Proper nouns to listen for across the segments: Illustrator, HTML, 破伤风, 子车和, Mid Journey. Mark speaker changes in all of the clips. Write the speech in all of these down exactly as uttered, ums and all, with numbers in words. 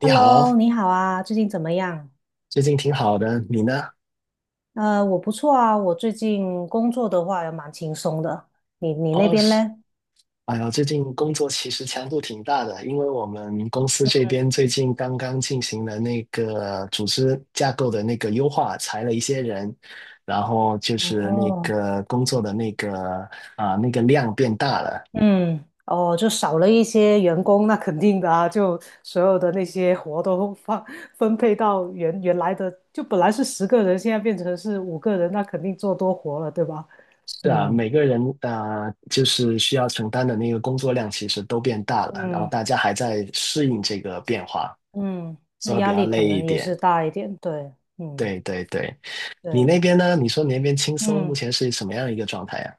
Speaker 1: 你好，
Speaker 2: Hello，你好啊，最近怎么样？
Speaker 1: 最近挺好的，你呢？
Speaker 2: 呃，我不错啊，我最近工作的话也蛮轻松的。你你那
Speaker 1: 哦，
Speaker 2: 边
Speaker 1: 是，
Speaker 2: 嘞？
Speaker 1: 哎呀，最近工作其实强度挺大的，因为我们公司这边最近刚刚进行了那个组织架构的那个优化，裁了一些人，然后就是那
Speaker 2: 哦，
Speaker 1: 个工作的那个啊、那个量变大了。
Speaker 2: 嗯，哦，就少了一些员工，那肯定的啊，就所有的那些活都放分配到原原来的，就本来是十个人，现在变成是五个人，那肯定做多活了，对吧？
Speaker 1: 是啊，
Speaker 2: 嗯
Speaker 1: 每个人啊、就是需要承担的那个工作量其实都变大了，然后
Speaker 2: 嗯
Speaker 1: 大家还在适应这个变化，
Speaker 2: 嗯，那
Speaker 1: 所以会比
Speaker 2: 压
Speaker 1: 较
Speaker 2: 力可
Speaker 1: 累一
Speaker 2: 能也是
Speaker 1: 点。
Speaker 2: 大一点，对，嗯
Speaker 1: 对对对，你
Speaker 2: 对。
Speaker 1: 那边呢？你说你那边轻松，目
Speaker 2: 嗯。
Speaker 1: 前是什么样一个状态呀？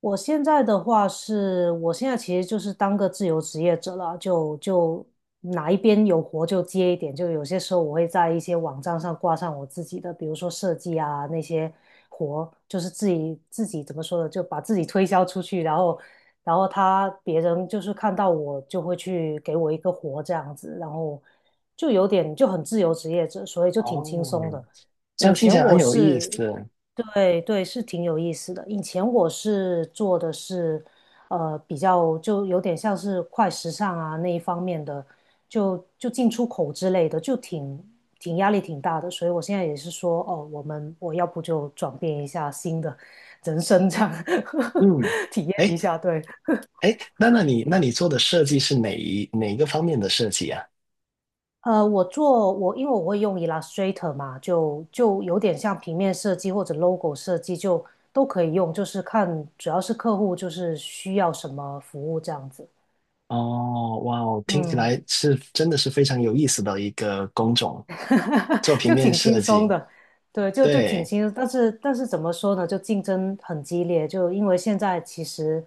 Speaker 2: 我现在的话是，我现在其实就是当个自由职业者了，就就哪一边有活就接一点，就有些时候我会在一些网站上挂上我自己的，比如说设计啊那些活，就是自己自己怎么说呢，就把自己推销出去，然后然后他别人就是看到我就会去给我一个活这样子，然后就有点就很自由职业者，所以就挺
Speaker 1: 哦，
Speaker 2: 轻松的。
Speaker 1: 这样
Speaker 2: 以
Speaker 1: 听起
Speaker 2: 前
Speaker 1: 来很
Speaker 2: 我
Speaker 1: 有意
Speaker 2: 是，
Speaker 1: 思。
Speaker 2: 对对，是挺有意思的。以前我是做的是，呃，比较就有点像是快时尚啊那一方面的，就就进出口之类的，就挺挺压力挺大的。所以我现在也是说，哦，我们我要不就转变一下新的 人生这样，
Speaker 1: 嗯，
Speaker 2: 体验
Speaker 1: 哎
Speaker 2: 一下，对。
Speaker 1: 哎，那那你那
Speaker 2: 嗯。
Speaker 1: 你做的设计是哪一哪一个方面的设计啊？
Speaker 2: 呃，我做我因为我会用 Illustrator 嘛，就就有点像平面设计或者 logo 设计，就都可以用，就是看主要是客户就是需要什么服务这样子。
Speaker 1: 哦，哇哦，听起
Speaker 2: 嗯。
Speaker 1: 来是真的是非常有意思的一个工种，做 平
Speaker 2: 就
Speaker 1: 面
Speaker 2: 挺轻
Speaker 1: 设
Speaker 2: 松
Speaker 1: 计。
Speaker 2: 的，对，就就挺
Speaker 1: 对，
Speaker 2: 轻松。但是但是怎么说呢，就竞争很激烈，就因为现在其实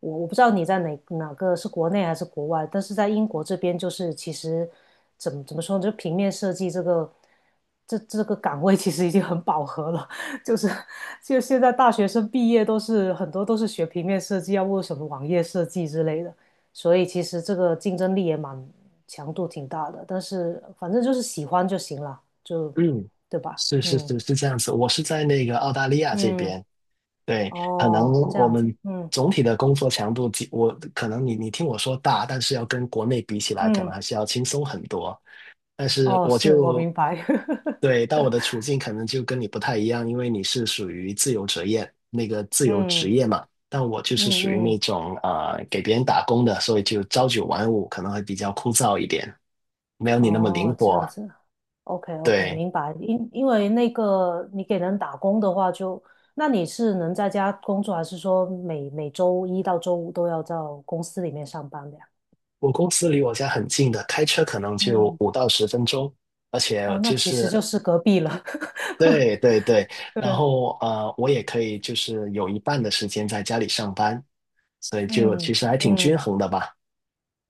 Speaker 2: 我我不知道你在哪哪个是国内还是国外，但是在英国这边就是其实怎么怎么说呢，就平面设计这个这这个岗位其实已经很饱和了，就是就现在大学生毕业都是很多都是学平面设计，要不什么网页设计之类的。所以其实这个竞争力也蛮强度挺大的，但是反正就是喜欢就行了，就
Speaker 1: 嗯，
Speaker 2: 对吧？
Speaker 1: 是是
Speaker 2: 嗯
Speaker 1: 是是这样子。我是在那个澳大利亚这
Speaker 2: 嗯，
Speaker 1: 边。对，可能
Speaker 2: 哦，这
Speaker 1: 我
Speaker 2: 样子，
Speaker 1: 们
Speaker 2: 嗯
Speaker 1: 总体的工作强度，即我可能你你听我说大，但是要跟国内比起来，可能
Speaker 2: 嗯，
Speaker 1: 还是要轻松很多。但是
Speaker 2: 哦，
Speaker 1: 我
Speaker 2: 是我
Speaker 1: 就
Speaker 2: 明白，
Speaker 1: 对，但我的处境可能就跟你不太一样，因为你是属于自由职业，那个自由职
Speaker 2: 嗯
Speaker 1: 业嘛，但我就是
Speaker 2: 嗯
Speaker 1: 属于
Speaker 2: 嗯，
Speaker 1: 那种啊给别人打工的，所以就朝九晚五，可能会比较枯燥一点，没有你那么
Speaker 2: 哦，
Speaker 1: 灵
Speaker 2: 这
Speaker 1: 活。
Speaker 2: 样子，OK OK，
Speaker 1: 对，
Speaker 2: 明白。因因为那个你给人打工的话就，那你是能在家工作，还是说每每周一到周五都要到公司里面上班的呀？
Speaker 1: 我公司离我家很近的，开车可能就
Speaker 2: 嗯，
Speaker 1: 五到十分钟。而且
Speaker 2: 哦，那
Speaker 1: 就
Speaker 2: 其实
Speaker 1: 是
Speaker 2: 就是隔壁了，
Speaker 1: 对对对，然
Speaker 2: 对，
Speaker 1: 后呃，我也可以就是有一半的时间在家里上班，所以就其
Speaker 2: 嗯
Speaker 1: 实还挺均
Speaker 2: 嗯。
Speaker 1: 衡的吧。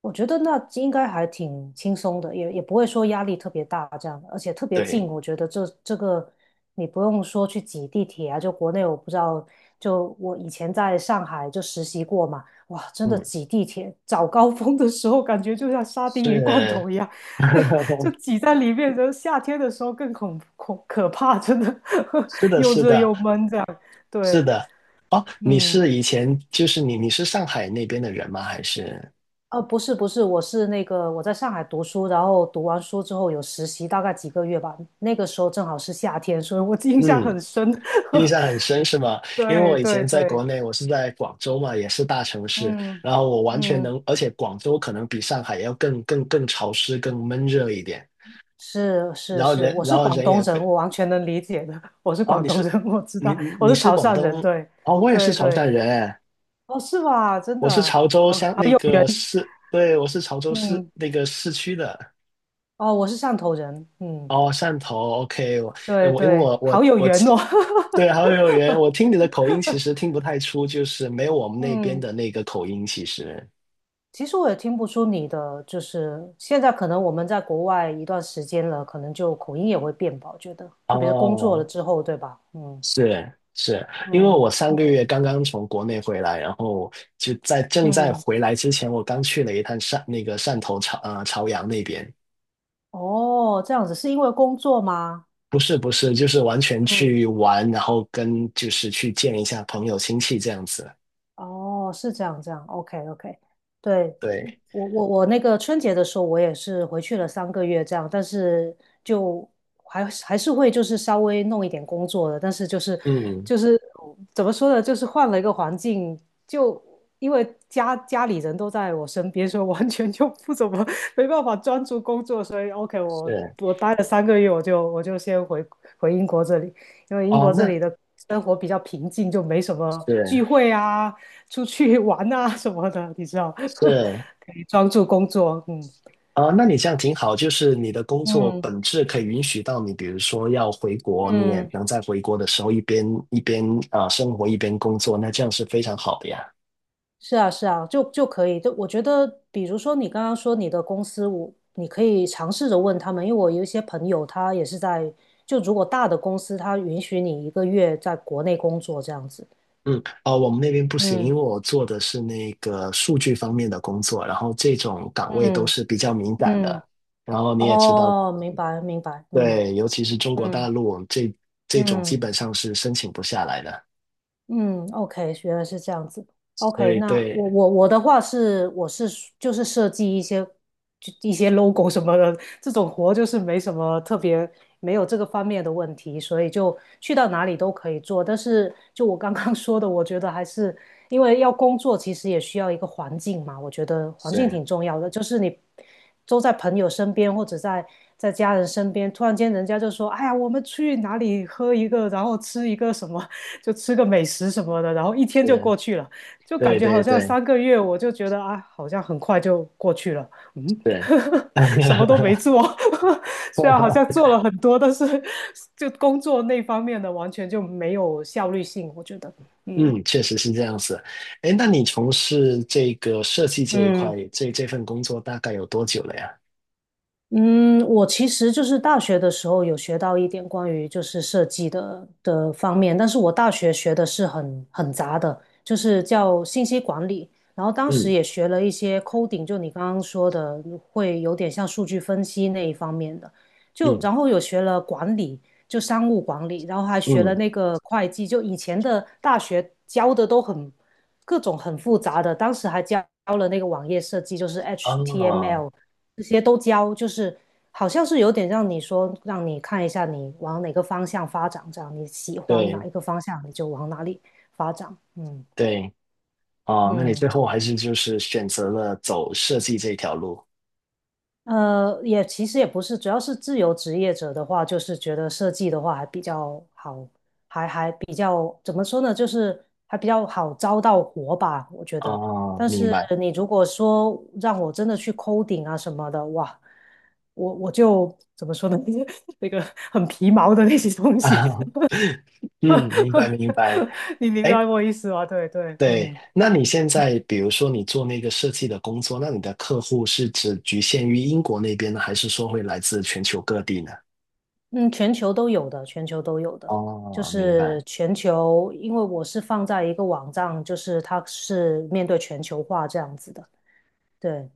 Speaker 2: 我觉得那应该还挺轻松的，也也不会说压力特别大这样，而且特别近。
Speaker 1: 对，
Speaker 2: 我觉得这这个你不用说去挤地铁啊，就国内我不知道，就我以前在上海就实习过嘛，哇，真的
Speaker 1: 嗯，
Speaker 2: 挤地铁，早高峰的时候感觉就像沙丁鱼罐
Speaker 1: 是，
Speaker 2: 头一样，就挤在里面。然后夏天的时候更恐恐可怕，真的
Speaker 1: 是 的，
Speaker 2: 又
Speaker 1: 是
Speaker 2: 热
Speaker 1: 的，
Speaker 2: 又闷这样。
Speaker 1: 是
Speaker 2: 对，
Speaker 1: 的。哦，你
Speaker 2: 嗯。
Speaker 1: 是以前就是你你是上海那边的人吗？还是
Speaker 2: 呃，不是不是，我是那个我在上海读书，然后读完书之后有实习，大概几个月吧。那个时候正好是夏天，所以我 印象
Speaker 1: 嗯，
Speaker 2: 很深。
Speaker 1: 印象很深是吗？因为
Speaker 2: 对
Speaker 1: 我以
Speaker 2: 对
Speaker 1: 前在国
Speaker 2: 对，
Speaker 1: 内，我是在广州嘛，也是大城市，
Speaker 2: 嗯
Speaker 1: 然后我完全
Speaker 2: 嗯，
Speaker 1: 能，而且广州可能比上海要更更更潮湿、更闷热一点。
Speaker 2: 是是
Speaker 1: 然后
Speaker 2: 是，
Speaker 1: 人，
Speaker 2: 我
Speaker 1: 然
Speaker 2: 是
Speaker 1: 后
Speaker 2: 广
Speaker 1: 人
Speaker 2: 东
Speaker 1: 也
Speaker 2: 人，
Speaker 1: 非
Speaker 2: 我完全能理解的。我是
Speaker 1: 哦，
Speaker 2: 广
Speaker 1: 你
Speaker 2: 东
Speaker 1: 是
Speaker 2: 人，我知
Speaker 1: 你
Speaker 2: 道，我
Speaker 1: 你
Speaker 2: 是
Speaker 1: 是
Speaker 2: 潮
Speaker 1: 广
Speaker 2: 汕人。
Speaker 1: 东
Speaker 2: 对
Speaker 1: 哦，我也是
Speaker 2: 对
Speaker 1: 潮汕
Speaker 2: 对，
Speaker 1: 人哎，
Speaker 2: 哦，是吧？真
Speaker 1: 我是
Speaker 2: 的，
Speaker 1: 潮州
Speaker 2: 好好
Speaker 1: 乡那
Speaker 2: 有，
Speaker 1: 个市，对，我是潮州市
Speaker 2: 嗯，
Speaker 1: 那个市区的
Speaker 2: 哦，我是汕头人，嗯，
Speaker 1: 哦，汕头，OK，我哎
Speaker 2: 对
Speaker 1: 我因为
Speaker 2: 对，
Speaker 1: 我我
Speaker 2: 好有
Speaker 1: 我
Speaker 2: 缘哦，
Speaker 1: 对，好有缘，我听你的口音其实听不太出，就是没有我们 那边
Speaker 2: 嗯。
Speaker 1: 的那个口音，其实
Speaker 2: 其实我也听不出你的，就是现在可能我们在国外一段时间了，可能就口音也会变吧，我觉得，特别是工作
Speaker 1: 哦，
Speaker 2: 了之后，对吧？嗯
Speaker 1: 是是，因为我
Speaker 2: 嗯
Speaker 1: 上个
Speaker 2: 嗯
Speaker 1: 月刚刚从国内回来，然后就在正在
Speaker 2: 嗯，
Speaker 1: 回来之前，我刚去了一趟汕那个汕头潮呃潮阳那边。
Speaker 2: 哦，这样子是因为工作吗？
Speaker 1: 不是不是，就是完全
Speaker 2: 嗯，
Speaker 1: 去玩，然后跟就是去见一下朋友亲戚这样子。
Speaker 2: 哦，是这样这样，OK OK，对，
Speaker 1: 对，
Speaker 2: 我我我那个春节的时候，我也是回去了三个月这样，但是就还是还是会就是稍微弄一点工作的，但是就是
Speaker 1: 嗯，
Speaker 2: 就是怎么说呢，就是换了一个环境，就因为家家里人都在我身边，所以完全就不怎么没办法专注工作，所以 OK，我
Speaker 1: 是
Speaker 2: 我待了三个月，我就我就先回回英国这里，因为英
Speaker 1: 哦，
Speaker 2: 国这
Speaker 1: 那
Speaker 2: 里的生活比较平静，就没什么聚
Speaker 1: 是
Speaker 2: 会啊。出去玩啊什么的，你知道，
Speaker 1: 是
Speaker 2: 可以专注工作。嗯
Speaker 1: 哦，那你这样挺好，就是你的工作
Speaker 2: 嗯
Speaker 1: 本质可以允许到你，比如说要回国，你也
Speaker 2: 嗯，
Speaker 1: 能在回国的时候一边一边啊、呃生活一边工作，那这样是非常好的呀。
Speaker 2: 是啊是啊，就就可以。就我觉得，比如说你刚刚说你的公司，我你可以尝试着问他们，因为我有一些朋友他也是在，就如果大的公司，他允许你一个月在国内工作这样子。
Speaker 1: 嗯，哦，我们那边不行，因
Speaker 2: 嗯
Speaker 1: 为我做的是那个数据方面的工作，然后这种岗位都
Speaker 2: 嗯
Speaker 1: 是比较敏感
Speaker 2: 嗯，
Speaker 1: 的。然后你也知道，
Speaker 2: 哦，明白明白，嗯
Speaker 1: 对，尤其是中国大
Speaker 2: 嗯
Speaker 1: 陆这这种基
Speaker 2: 嗯。
Speaker 1: 本上是申请不下来的。
Speaker 2: 嗯，OK，原来是这样子。OK，
Speaker 1: 对
Speaker 2: 那我
Speaker 1: 对，
Speaker 2: 我我的话是，我是就是设计一些就一些 logo 什么的，这种活就是没什么特别，没有这个方面的问题，所以就去到哪里都可以做。但是就我刚刚 说的，我觉得还是因为要工作，其实也需要一个环境嘛。我觉得环境
Speaker 1: 是
Speaker 2: 挺重要的，就是你都在朋友身边或者在在家人身边，突然间人家就说：“哎呀，我们去哪里喝一个，然后吃一个什么，就吃个美食什么的。”然后一天就
Speaker 1: 是，
Speaker 2: 过去了，就感
Speaker 1: 对
Speaker 2: 觉好
Speaker 1: 对
Speaker 2: 像
Speaker 1: 对
Speaker 2: 三个月，我就觉得啊，好像很快就过去了。嗯，
Speaker 1: 是。
Speaker 2: 什么都没 做，虽然好像做了很多，但是就工作那方面的完全就没有效率性，我觉得，嗯。
Speaker 1: 嗯，确实是这样子。哎，那你从事这个设计这一块，
Speaker 2: 嗯。
Speaker 1: 这这份工作大概有多久了呀？
Speaker 2: 嗯，我其实就是大学的时候有学到一点关于就是设计的的方面，但是我大学学的是很很杂的，就是叫信息管理，然后当时
Speaker 1: 嗯
Speaker 2: 也学了一些 coding，就你刚刚说的，会有点像数据分析那一方面的，就
Speaker 1: 嗯
Speaker 2: 然后有学了管理，就商务管理，然后还学了
Speaker 1: 嗯，
Speaker 2: 那个会计，就以前的大学教的都很各种很复杂的，当时还教了那个网页设计，就是
Speaker 1: 啊，
Speaker 2: H T M L。这些都教，就是好像是有点让你说，让你看一下你往哪个方向发展，这样你喜欢哪
Speaker 1: 对
Speaker 2: 一个方向，你就往哪里发展。嗯
Speaker 1: 对，哦，那你最
Speaker 2: 嗯。
Speaker 1: 后还是就是选择了走设计这条路。
Speaker 2: 呃，也其实也不是，主要是自由职业者的话，就是觉得设计的话还比较好，还还比较怎么说呢，就是还比较好招到活吧，我觉得。
Speaker 1: 哦，
Speaker 2: 但
Speaker 1: 明
Speaker 2: 是
Speaker 1: 白。
Speaker 2: 你如果说让我真的去 c 顶啊什么的，哇，我我就怎么说呢，那个很皮毛的那些东西，
Speaker 1: 嗯，明白 明白。
Speaker 2: 你明白
Speaker 1: 哎，
Speaker 2: 我意思吗？对对，
Speaker 1: 对，
Speaker 2: 嗯。
Speaker 1: 那你现在比如说你做那个设计的工作，那你的客户是只局限于英国那边呢，还是说会来自全球各地呢？
Speaker 2: 嗯，全球都有的，全球都有的，就
Speaker 1: 哦，明白，
Speaker 2: 是全球，因为我是放在一个网站，就是它是面对全球化这样子的。对，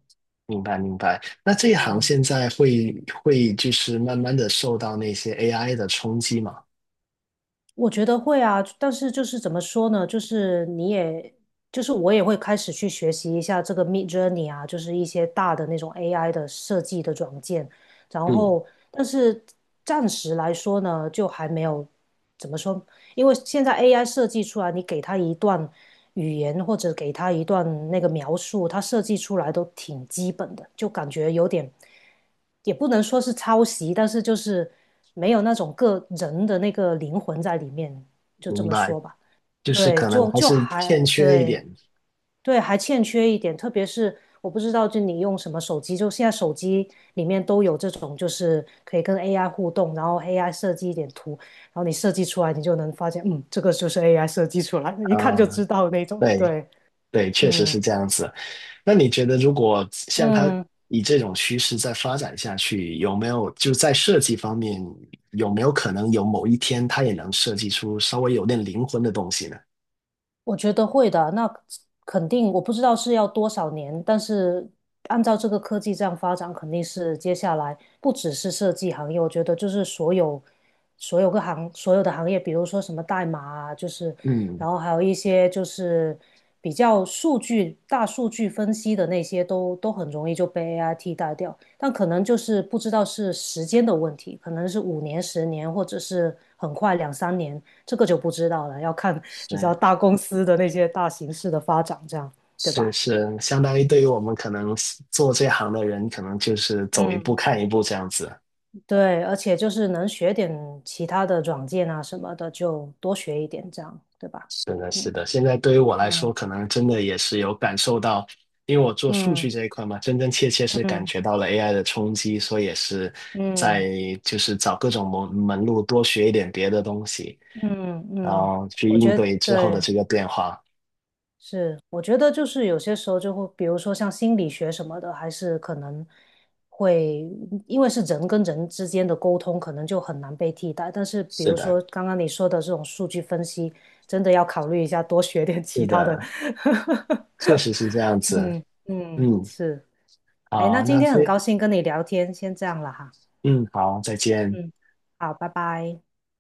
Speaker 1: 明白，明白。那这一行
Speaker 2: 嗯，
Speaker 1: 现在会会就是慢慢的受到那些 A I 的冲击嘛？
Speaker 2: 我觉得会啊，但是就是怎么说呢，就是你也，就是我也会开始去学习一下这个 Mid Journey 啊，就是一些大的那种 A I 的设计的软件，然
Speaker 1: 嗯，
Speaker 2: 后，但是暂时来说呢，就还没有怎么说。因为现在 A I 设计出来，你给它一段语言或者给他一段那个描述，他设计出来都挺基本的，就感觉有点，也不能说是抄袭，但是就是没有那种个人的那个灵魂在里面，就这
Speaker 1: 明
Speaker 2: 么
Speaker 1: 白，
Speaker 2: 说吧。
Speaker 1: 就是
Speaker 2: 对，
Speaker 1: 可能
Speaker 2: 就
Speaker 1: 还
Speaker 2: 就
Speaker 1: 是欠
Speaker 2: 还
Speaker 1: 缺一
Speaker 2: 对
Speaker 1: 点。
Speaker 2: 对，还欠缺一点，特别是我不知道，就你用什么手机，就现在手机里面都有这种，就是可以跟 A I 互动，然后 A I 设计一点图，然后你设计出来，你就能发现，嗯，这个就是 A I 设计出来的，一看就
Speaker 1: 嗯，
Speaker 2: 知道那种。
Speaker 1: 对。
Speaker 2: 对，
Speaker 1: 对，确实
Speaker 2: 嗯
Speaker 1: 是这样子。那你觉得，如果像他
Speaker 2: 嗯，
Speaker 1: 以这种趋势再发展下去，有没有就在设计方面，有没有可能有某一天他也能设计出稍微有点灵魂的东西呢？
Speaker 2: 我觉得会的。那肯定，我不知道是要多少年，但是按照这个科技这样发展，肯定是接下来不只是设计行业，我觉得就是所有所有个行所有的行业，比如说什么代码啊，就是
Speaker 1: 嗯，
Speaker 2: 然后还有一些就是比较数据大数据分析的那些都，都很容易就被 A I 替代掉。但可能就是不知道是时间的问题，可能是五年、十年，或者是很快两三年。这个就不知道了，要看你知道
Speaker 1: 是
Speaker 2: 大公司的那些大形势的发展，这样对
Speaker 1: 是
Speaker 2: 吧？
Speaker 1: 是，相当于对于我们可能做这行的人，可能就是走一步
Speaker 2: 嗯，
Speaker 1: 看一步这样子。
Speaker 2: 对，而且就是能学点其他的软件啊什么的，就多学一点，这样对吧？
Speaker 1: 是的，是
Speaker 2: 嗯
Speaker 1: 的。现在对于我来
Speaker 2: 嗯
Speaker 1: 说，可能真的也是有感受到，因为我做数
Speaker 2: 嗯
Speaker 1: 据这一块嘛，真真切切是感
Speaker 2: 嗯
Speaker 1: 觉到了 A I 的冲击，所以也是在
Speaker 2: 嗯
Speaker 1: 就是找各种门门路，多学一点别的东西，
Speaker 2: 嗯
Speaker 1: 然
Speaker 2: 嗯，
Speaker 1: 后去
Speaker 2: 我
Speaker 1: 应
Speaker 2: 觉得
Speaker 1: 对之后的
Speaker 2: 对，
Speaker 1: 这个变化。
Speaker 2: 是，我觉得就是有些时候就会，比如说像心理学什么的，还是可能会，因为是人跟人之间的沟通，可能就很难被替代。但是比
Speaker 1: 是
Speaker 2: 如
Speaker 1: 的，
Speaker 2: 说刚刚你说的这种数据分析，真的要考虑一下，多学点其
Speaker 1: 是
Speaker 2: 他的。
Speaker 1: 的，确 实是这样子。
Speaker 2: 嗯嗯，
Speaker 1: 嗯，
Speaker 2: 是。哎，那
Speaker 1: 好，
Speaker 2: 今
Speaker 1: 那
Speaker 2: 天很
Speaker 1: 非，
Speaker 2: 高兴跟你聊天，先这样了哈。
Speaker 1: 嗯，好，再见。
Speaker 2: 嗯，好，拜拜。